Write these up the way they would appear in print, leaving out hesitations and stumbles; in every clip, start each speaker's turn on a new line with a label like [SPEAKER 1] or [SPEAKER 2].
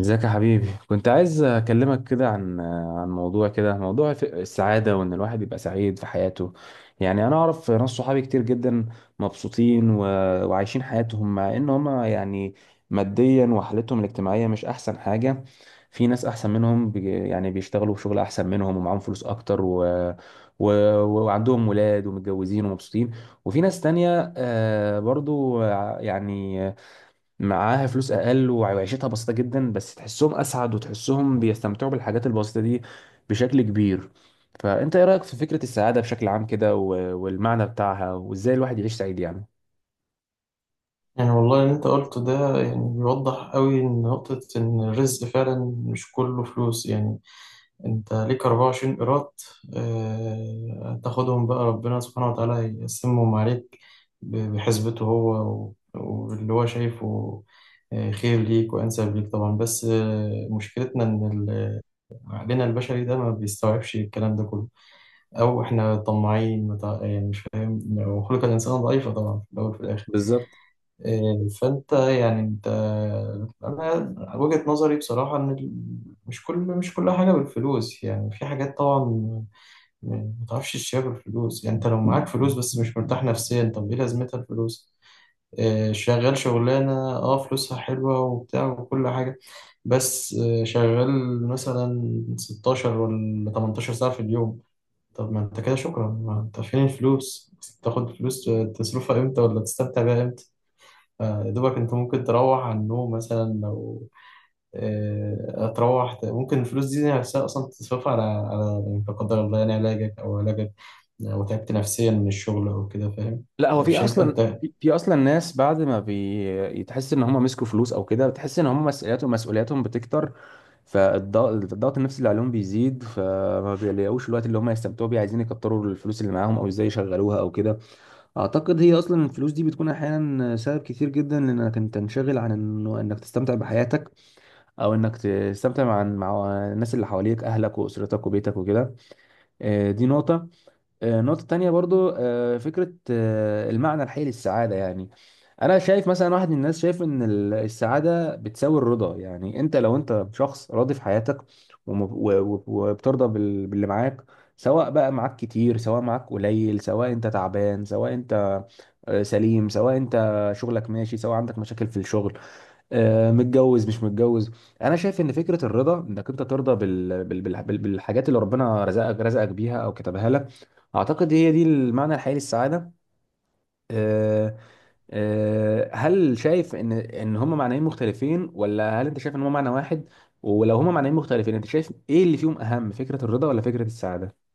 [SPEAKER 1] ازيك يا حبيبي؟ كنت عايز اكلمك كده عن موضوع كده، موضوع السعاده، وان الواحد يبقى سعيد في حياته. يعني انا اعرف ناس صحابي كتير جدا مبسوطين وعايشين حياتهم، مع ان هم يعني ماديا وحالتهم الاجتماعيه مش احسن حاجه. في ناس احسن منهم يعني بيشتغلوا في شغل احسن منهم ومعاهم فلوس اكتر و... وعندهم ولاد ومتجوزين ومبسوطين. وفي ناس تانية، آه، برضو، يعني معاها فلوس اقل وعيشتها بسيطه جدا، بس تحسهم اسعد وتحسهم بيستمتعوا بالحاجات البسيطه دي بشكل كبير. فانت ايه رايك في فكره السعاده بشكل عام كده والمعنى بتاعها، وازاي الواحد يعيش سعيد يعني؟
[SPEAKER 2] والله اللي انت قلته ده يعني بيوضح قوي ان نقطة ان الرزق فعلا مش كله فلوس يعني. انت ليك 24 قيراط، اه تاخدهم بقى، ربنا سبحانه وتعالى هيقسمهم عليك بحسبته هو واللي هو شايفه، خير ليك وانسب ليك طبعا. بس مشكلتنا ان عقلنا البشري ده ما بيستوعبش الكلام ده كله، او احنا طماعين يعني مش فاهم، وخلق الانسان ضعيفة طبعا في الاول وفي الاخر.
[SPEAKER 1] بالظبط.
[SPEAKER 2] فانت يعني انت، انا وجهة نظري بصراحة ان مش كل حاجة بالفلوس، يعني في حاجات طبعا ما تعرفش تشتريها بالفلوس. يعني انت لو معاك فلوس بس مش مرتاح نفسيا، طب ايه لازمتها الفلوس؟ شغال شغلانة اه فلوسها حلوة وبتاع وكل حاجة، بس شغال مثلا 16 ولا 18 ساعة في اليوم. طب ما انت كده شكرا، ما انت فين الفلوس؟ تاخد فلوس تصرفها امتى ولا تستمتع بيها امتى؟ يا دوبك انت ممكن تروح على النوم مثلا لو، هتروح ممكن الفلوس دي نفسها اصلا تصرفها على يعني لا قدر الله يعني علاجك او علاجك لو تعبت نفسيا من الشغل او كده، فاهم؟
[SPEAKER 1] لا، هو في
[SPEAKER 2] مش هيبقى
[SPEAKER 1] اصلا
[SPEAKER 2] انت.
[SPEAKER 1] في اصلا ناس بعد ما بيتحس ان هم مسكوا فلوس او كده، بتحس ان هم مسؤولياتهم بتكتر. الضغط النفسي اللي عليهم بيزيد، فما بيلاقوش الوقت اللي هم يستمتعوا بيه. عايزين يكتروا الفلوس اللي معاهم او ازاي يشغلوها او كده. اعتقد هي اصلا الفلوس دي بتكون احيانا سبب كتير جدا لانك انت تنشغل عن انه انك تستمتع بحياتك، او انك تستمتع مع الناس اللي حواليك، اهلك واسرتك وبيتك وكده. آه، دي نقطة. آه، نقطة تانية برضو، فكرة، المعنى الحقيقي للسعادة يعني. انا شايف مثلا واحد من الناس شايف ان السعادة بتساوي الرضا، يعني انت لو انت شخص راضي في حياتك، وم- و- وبترضى باللي معاك، سواء بقى معاك كتير سواء معاك قليل، سواء انت تعبان سواء انت، آه، سليم، سواء انت شغلك ماشي سواء عندك مشاكل في الشغل، آه، متجوز مش متجوز. انا شايف ان فكره الرضا، انك انت ترضى بالحاجات اللي ربنا رزقك بيها او كتبها لك، اعتقد هي دي المعنى الحقيقي للسعاده. آه، آه، هل شايف ان هما معنيين مختلفين، ولا هل انت شايف ان هما معنى واحد؟ ولو هما معنيين مختلفين، انت شايف ايه اللي فيهم اهم، فكره الرضا ولا فكره السعاده؟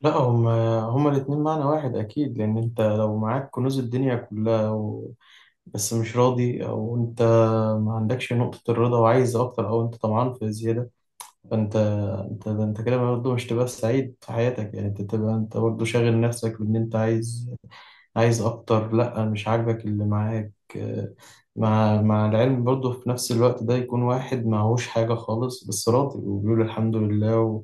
[SPEAKER 2] لا، هما الاتنين معنى واحد اكيد، لان انت لو معاك كنوز الدنيا كلها و... بس مش راضي، او انت ما عندكش نقطة الرضا وعايز اكتر، او انت طمعان في زيادة، فانت، انت ده انت كده برضه مش تبقى سعيد في حياتك. يعني انت تبقى انت برضه شاغل نفسك بان انت عايز، عايز اكتر، لا مش عاجبك اللي معاك. مع العلم برضه في نفس الوقت ده يكون واحد معهوش حاجة خالص بس راضي وبيقول الحمد لله و...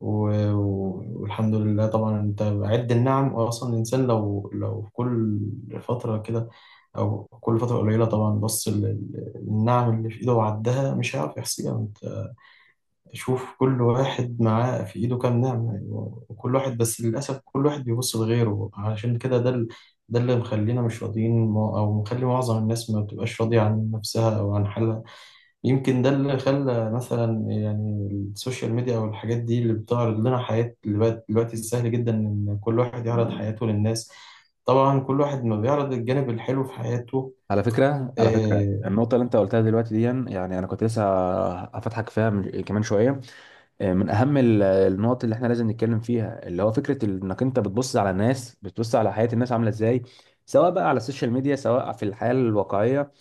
[SPEAKER 2] و... والحمد لله طبعا. انت عد النعم اصلا. الانسان لو في كل فترة كده او كل فترة قليلة طبعا بص للنعم اللي في ايده وعدها مش هيعرف يحصيها. تشوف كل واحد معاه في إيده كام نعمة يعني. وكل واحد بس للأسف كل واحد بيبص لغيره، عشان كده ده ده اللي مخلينا مش راضيين أو مخلي معظم الناس ما بتبقاش راضية عن نفسها أو عن حالها. يمكن ده اللي خلى مثلا يعني السوشيال ميديا أو الحاجات دي اللي بتعرض لنا حياة، اللي بقت دلوقتي سهل جدا إن كل واحد يعرض حياته للناس، طبعا كل واحد ما بيعرض الجانب الحلو في حياته.
[SPEAKER 1] على فكرة، على فكرة
[SPEAKER 2] آه،
[SPEAKER 1] النقطة اللي أنت قلتها دلوقتي دي، يعني أنا كنت لسه هفتحك فيها كمان شوية. آه، من أهم النقط اللي إحنا لازم نتكلم فيها، اللي هو فكرة إنك أنت بتبص على الناس، بتبص على حياة الناس عاملة إزاي، سواء بقى على السوشيال ميديا سواء في الحياة الواقعية.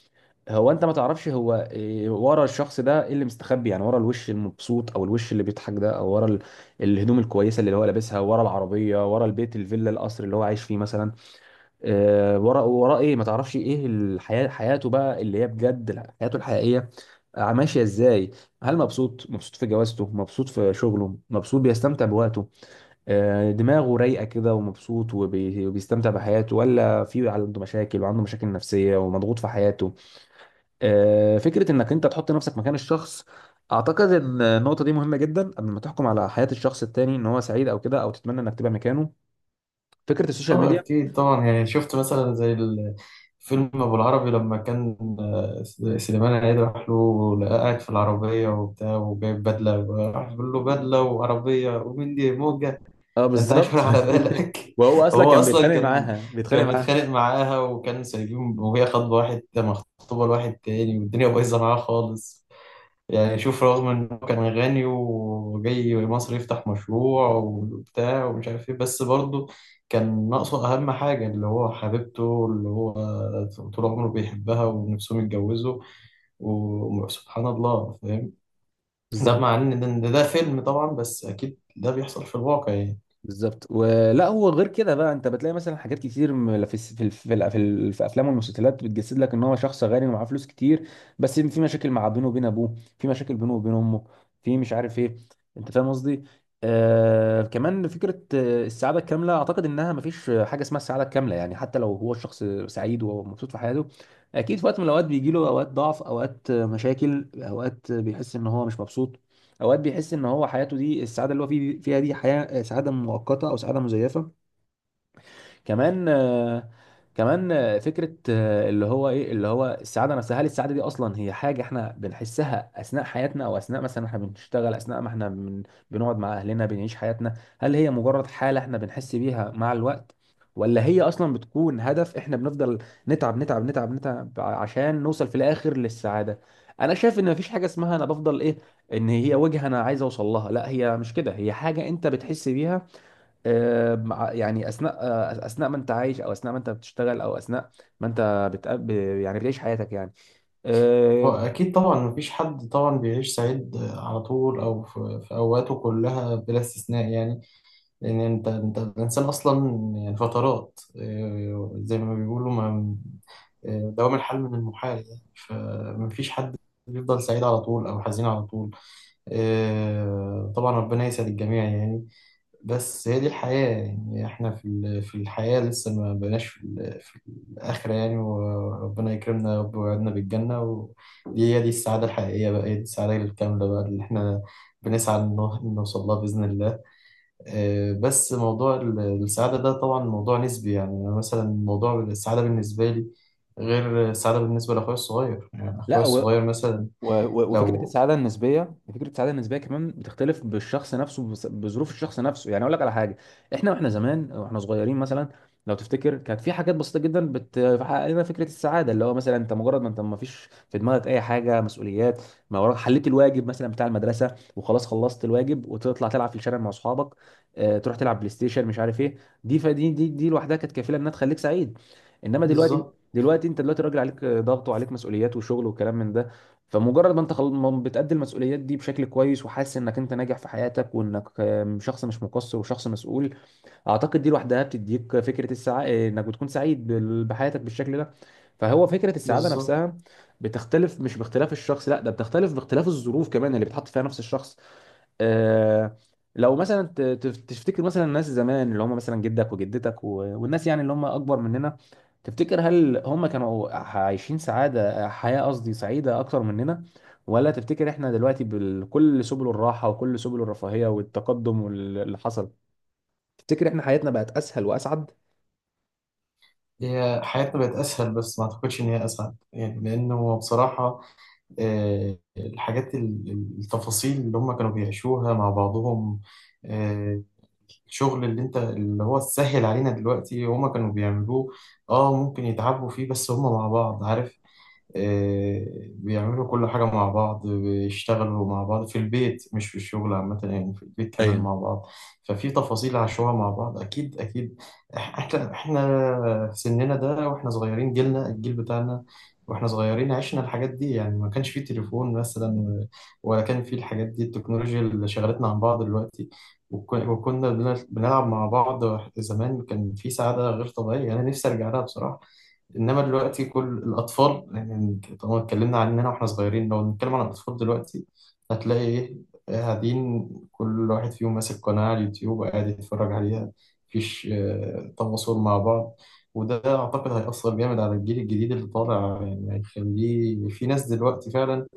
[SPEAKER 1] هو أنت ما تعرفش هو إيه ورا الشخص ده، إيه اللي مستخبي، يعني ورا الوش المبسوط أو الوش اللي بيضحك ده، أو ورا الهدوم الكويسة اللي هو لابسها، ورا العربية، ورا البيت الفيلا القصر اللي هو عايش فيه مثلا. آه، ورا ايه؟ ما تعرفش ايه الحياه، حياته بقى اللي هي بجد حياته الحقيقيه، آه، ماشيه ازاي. هل مبسوط، مبسوط في جوازته، مبسوط في شغله، مبسوط بيستمتع بوقته، آه، دماغه رايقه كده ومبسوط وبيستمتع بحياته، ولا في عنده مشاكل وعنده مشاكل نفسيه ومضغوط في حياته؟ آه، فكره انك انت تحط نفسك مكان الشخص. اعتقد ان النقطه دي مهمه جدا قبل ما تحكم على حياه الشخص التاني ان هو سعيد او كده، او تتمنى انك تبقى مكانه. فكره السوشيال
[SPEAKER 2] اه
[SPEAKER 1] ميديا.
[SPEAKER 2] اكيد طبعا. يعني شفت مثلا زي فيلم ابو العربي، لما كان سليمان عيد راح له لقاه قاعد في العربيه وبتاع وجايب بدله، راح بيقول له بدله وعربيه ومين دي موجه؟
[SPEAKER 1] اه،
[SPEAKER 2] انت عايش
[SPEAKER 1] بالظبط.
[SPEAKER 2] ولا على بالك؟
[SPEAKER 1] وهو اصلا
[SPEAKER 2] هو
[SPEAKER 1] كان
[SPEAKER 2] اصلا
[SPEAKER 1] بيتخانق
[SPEAKER 2] كان،
[SPEAKER 1] معاها بيتخانق
[SPEAKER 2] كان
[SPEAKER 1] معاها
[SPEAKER 2] متخانق معاها وكان سايبين، وهي خاطبه واحد، مخطوبه لواحد تاني والدنيا بايظه معاه خالص. يعني شوف رغم انه كان غني وجاي مصر يفتح مشروع وبتاع ومش عارف ايه، بس برضه كان ناقصه اهم حاجة اللي هو حبيبته، اللي هو طول عمره بيحبها ونفسهم يتجوزوا، وسبحان الله، فاهم؟ ده
[SPEAKER 1] بالظبط.
[SPEAKER 2] مع ان ده فيلم طبعا بس اكيد ده بيحصل في الواقع يعني.
[SPEAKER 1] بالظبط. ولا هو غير كده بقى، انت بتلاقي مثلا حاجات كتير م- في الس- في الف- في الأف- في الف- في افلام والمسلسلات بتجسد لك ان هو شخص غني ومعاه فلوس كتير، بس في مشاكل مع بينه وبين ابوه، في مشاكل بينه وبين امه، في مش عارف ايه. انت فاهم قصدي؟ آه كمان فكره، آه، السعاده الكامله. اعتقد انها مفيش حاجه اسمها السعاده الكامله، يعني حتى لو هو الشخص سعيد ومبسوط في حياته، اكيد في وقت من الاوقات بيجي له اوقات ضعف، اوقات، آه، مشاكل، اوقات، آه، بيحس ان هو مش مبسوط، اوقات بيحس ان هو حياته دي السعاده اللي هو فيه فيها دي، حياه سعاده مؤقته او سعاده مزيفه. كمان، فكره، اللي هو ايه اللي هو السعاده نفسها. هل السعاده دي اصلا هي حاجه احنا بنحسها اثناء حياتنا، او اثناء مثلا احنا بنشتغل، اثناء ما احنا بنقعد مع اهلنا، بنعيش حياتنا؟ هل هي مجرد حاله احنا بنحس بيها مع الوقت، ولا هي اصلا بتكون هدف احنا بنفضل نتعب نتعب نتعب نتعب عشان نوصل في الاخر للسعاده؟ انا شايف ان مفيش حاجه اسمها انا بفضل ايه، ان هي وجهه انا عايز اوصل لها. لا، هي مش كده، هي حاجه انت بتحس بيها، آه، يعني اثناء، اثناء ما انت عايش، او اثناء ما انت بتشتغل، او اثناء ما انت بتقابل، يعني بتعيش حياتك يعني.
[SPEAKER 2] هو
[SPEAKER 1] آه.
[SPEAKER 2] اكيد طبعا مفيش حد طبعا بيعيش سعيد على طول او في في اوقاته كلها بلا استثناء يعني. لأن أنت الإنسان أصلا يعني فترات، زي ما بيقولوا ما، دوام الحال من المحال يعني. فمفيش حد بيفضل سعيد على طول أو حزين على طول. طبعا ربنا يسعد الجميع يعني. بس هي دي الحياة يعني، إحنا في في الحياة لسه ما بقناش في في الآخرة يعني. وربنا يكرمنا يا رب ويوعدنا بالجنة، ودي هي دي السعادة الحقيقية بقى، هي دي السعادة الكاملة بقى اللي إحنا بنسعى إنه نوصل لها بإذن الله. بس موضوع السعادة ده طبعا موضوع نسبي يعني. أنا مثلا موضوع السعادة بالنسبة لي غير السعادة بالنسبة لأخويا الصغير، يعني أخويا
[SPEAKER 1] لا،
[SPEAKER 2] الصغير مثلا
[SPEAKER 1] وفكره
[SPEAKER 2] لو.
[SPEAKER 1] السعاده النسبيه، فكره السعاده النسبيه كمان بتختلف بالشخص نفسه، بظروف الشخص نفسه. يعني اقول لك على حاجه، احنا واحنا زمان واحنا صغيرين مثلا، لو تفتكر، كانت في حاجات بسيطه جدا بتحقق لنا فكره السعاده، اللي هو مثلا انت مجرد ما انت ما فيش في دماغك اي حاجه مسؤوليات، ما وراك، حليت الواجب مثلا بتاع المدرسه وخلاص، خلصت الواجب وتطلع تلعب في الشارع مع اصحابك، آه، تروح تلعب بلاي ستيشن مش عارف ايه، دي فدي دي دي لوحدها كانت كفيله انها تخليك سعيد. انما دلوقتي
[SPEAKER 2] بالظبط.
[SPEAKER 1] دلوقتي انت دلوقتي راجل، عليك ضغط وعليك مسؤوليات وشغل وكلام من ده. فمجرد ما انت ما بتأدي المسؤوليات دي بشكل كويس وحاسس انك انت ناجح في حياتك وانك، آم، شخص مش مقصر وشخص مسؤول، اعتقد دي لوحدها بتديك فكرة السعادة، انك بتكون سعيد بحياتك بالشكل ده. فهو فكرة السعادة
[SPEAKER 2] بالظبط.
[SPEAKER 1] نفسها بتختلف، مش باختلاف الشخص لا، ده بتختلف باختلاف الظروف كمان اللي بتحط فيها نفس الشخص. آه، لو مثلا تفتكر مثلا الناس زمان اللي هم مثلا جدك وجدتك والناس، يعني اللي هم اكبر مننا، تفتكر هل هم كانوا عايشين سعادة، حياة قصدي سعيدة اكتر مننا؟ ولا تفتكر احنا دلوقتي بكل سبل الراحة وكل سبل الرفاهية والتقدم واللي حصل، تفتكر احنا حياتنا بقت اسهل واسعد؟
[SPEAKER 2] هي حياتنا بقت أسهل بس ما أعتقدش إن هي أسعد يعني، لأنه بصراحة الحاجات التفاصيل اللي هم كانوا بيعيشوها مع بعضهم، آه، الشغل اللي انت اللي هو سهل علينا دلوقتي هم كانوا بيعملوه. اه ممكن يتعبوا فيه بس هم مع بعض، عارف؟ بيعملوا كل حاجة مع بعض، بيشتغلوا مع بعض في البيت مش في الشغل عامة يعني، في البيت كمان مع بعض. ففي تفاصيل عاشوها مع بعض أكيد أكيد. إحنا في سننا ده وإحنا صغيرين، جيلنا الجيل بتاعنا وإحنا صغيرين عشنا الحاجات دي، يعني ما كانش فيه تليفون مثلا ولا كان فيه الحاجات دي التكنولوجيا اللي شغلتنا عن بعض دلوقتي. وكنا بنلعب مع بعض. زمان كان في سعادة غير طبيعية أنا نفسي أرجع لها بصراحة. انما دلوقتي كل الاطفال، يعني طالما اتكلمنا عننا واحنا صغيرين لو نتكلم عن الاطفال دلوقتي، هتلاقي ايه؟ قاعدين كل واحد فيهم ماسك قناة على اليوتيوب وقاعد يتفرج عليها، مفيش تواصل مع بعض. وده اعتقد هيأثر جامد على الجيل الجديد اللي طالع يعني، هيخليه في ناس دلوقتي فعلا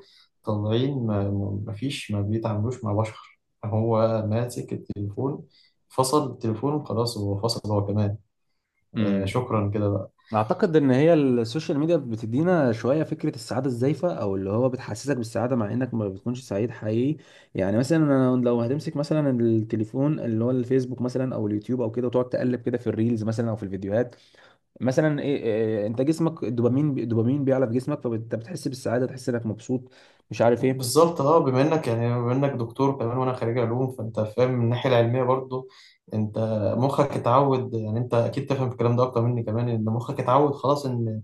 [SPEAKER 2] طالعين مفيش، ما بيتعاملوش مع بشر، هو ماسك التليفون. فصل التليفون خلاص، هو فصل هو كمان. آه
[SPEAKER 1] ايوه.
[SPEAKER 2] شكرا كده.
[SPEAKER 1] اعتقد ان هي السوشيال ميديا بتدينا شويه فكره السعاده الزائفه، او اللي هو بتحسسك بالسعاده مع انك ما بتكونش سعيد حقيقي. يعني مثلا انا لو هتمسك مثلا التليفون، اللي هو الفيسبوك مثلا او اليوتيوب او كده، وتقعد تقلب كده في الريلز مثلا او في الفيديوهات، مثلا ايه، إيه، انت جسمك الدوبامين، الدوبامين بيعلى في جسمك، فانت بتحس بالسعاده، تحس انك مبسوط مش عارف ايه.
[SPEAKER 2] بالظبط. اه بما انك يعني بما انك دكتور كمان وانا خريج علوم، فانت فاهم من الناحيه العلميه برضو. انت مخك اتعود، يعني انت اكيد تفهم الكلام ده اكتر مني كمان، ان مخك اتعود خلاص ان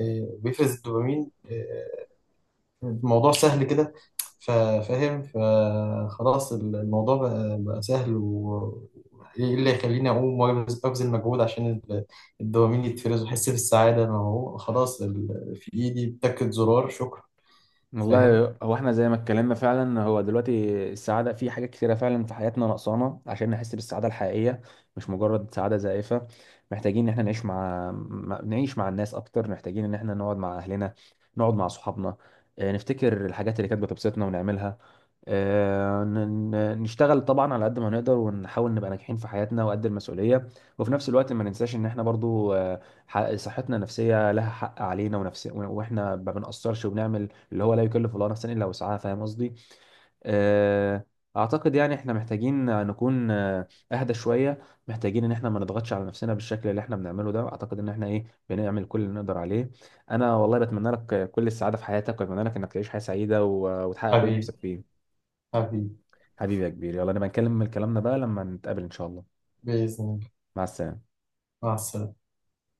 [SPEAKER 2] بيفرز الدوبامين. الموضوع سهل كده، فاهم؟ فخلاص الموضوع بقى سهل. و ايه اللي يخليني اقوم أبذل مجهود عشان الدوبامين يتفرز واحس بالسعاده؟ ما هو خلاص في ايدي، بتاكد زرار شكرا. فاهم؟
[SPEAKER 1] والله، هو احنا زي ما اتكلمنا، فعلا هو دلوقتي السعاده في حاجات كتيره فعلا في حياتنا ناقصانا عشان نحس بالسعاده الحقيقيه، مش مجرد سعاده زائفه. محتاجين ان احنا نعيش مع نعيش مع الناس اكتر، محتاجين ان احنا نقعد مع اهلنا، نقعد مع صحابنا، آه، نفتكر الحاجات اللي كانت بتبسطنا ونعملها، آه، نشتغل طبعا على قد ما نقدر ونحاول نبقى ناجحين في حياتنا وقد المسؤولية، وفي نفس الوقت ما ننساش ان احنا برضو، آه، صحتنا النفسية لها حق علينا ونفس، واحنا ما بنقصرش وبنعمل اللي هو لا يكلف الله نفسا الا وسعها. فاهم قصدي؟ آه، اعتقد يعني احنا محتاجين نكون، آه، اهدى شوية، محتاجين ان احنا ما نضغطش على نفسنا بالشكل اللي احنا بنعمله ده. اعتقد ان احنا ايه، بنعمل كل اللي نقدر عليه. انا والله بتمنى لك كل السعادة في حياتك، واتمنى لك انك تعيش حياة سعيدة وتحقق كل اللي نفسك
[SPEAKER 2] حبيبي.
[SPEAKER 1] فيه.
[SPEAKER 2] حبيبي.
[SPEAKER 1] حبيبي يا كبير، يلا نبقى نكلم كلامنا بقى لما نتقابل ان شاء الله.
[SPEAKER 2] بإذن الله.
[SPEAKER 1] مع السلامة.
[SPEAKER 2] مع السلامة.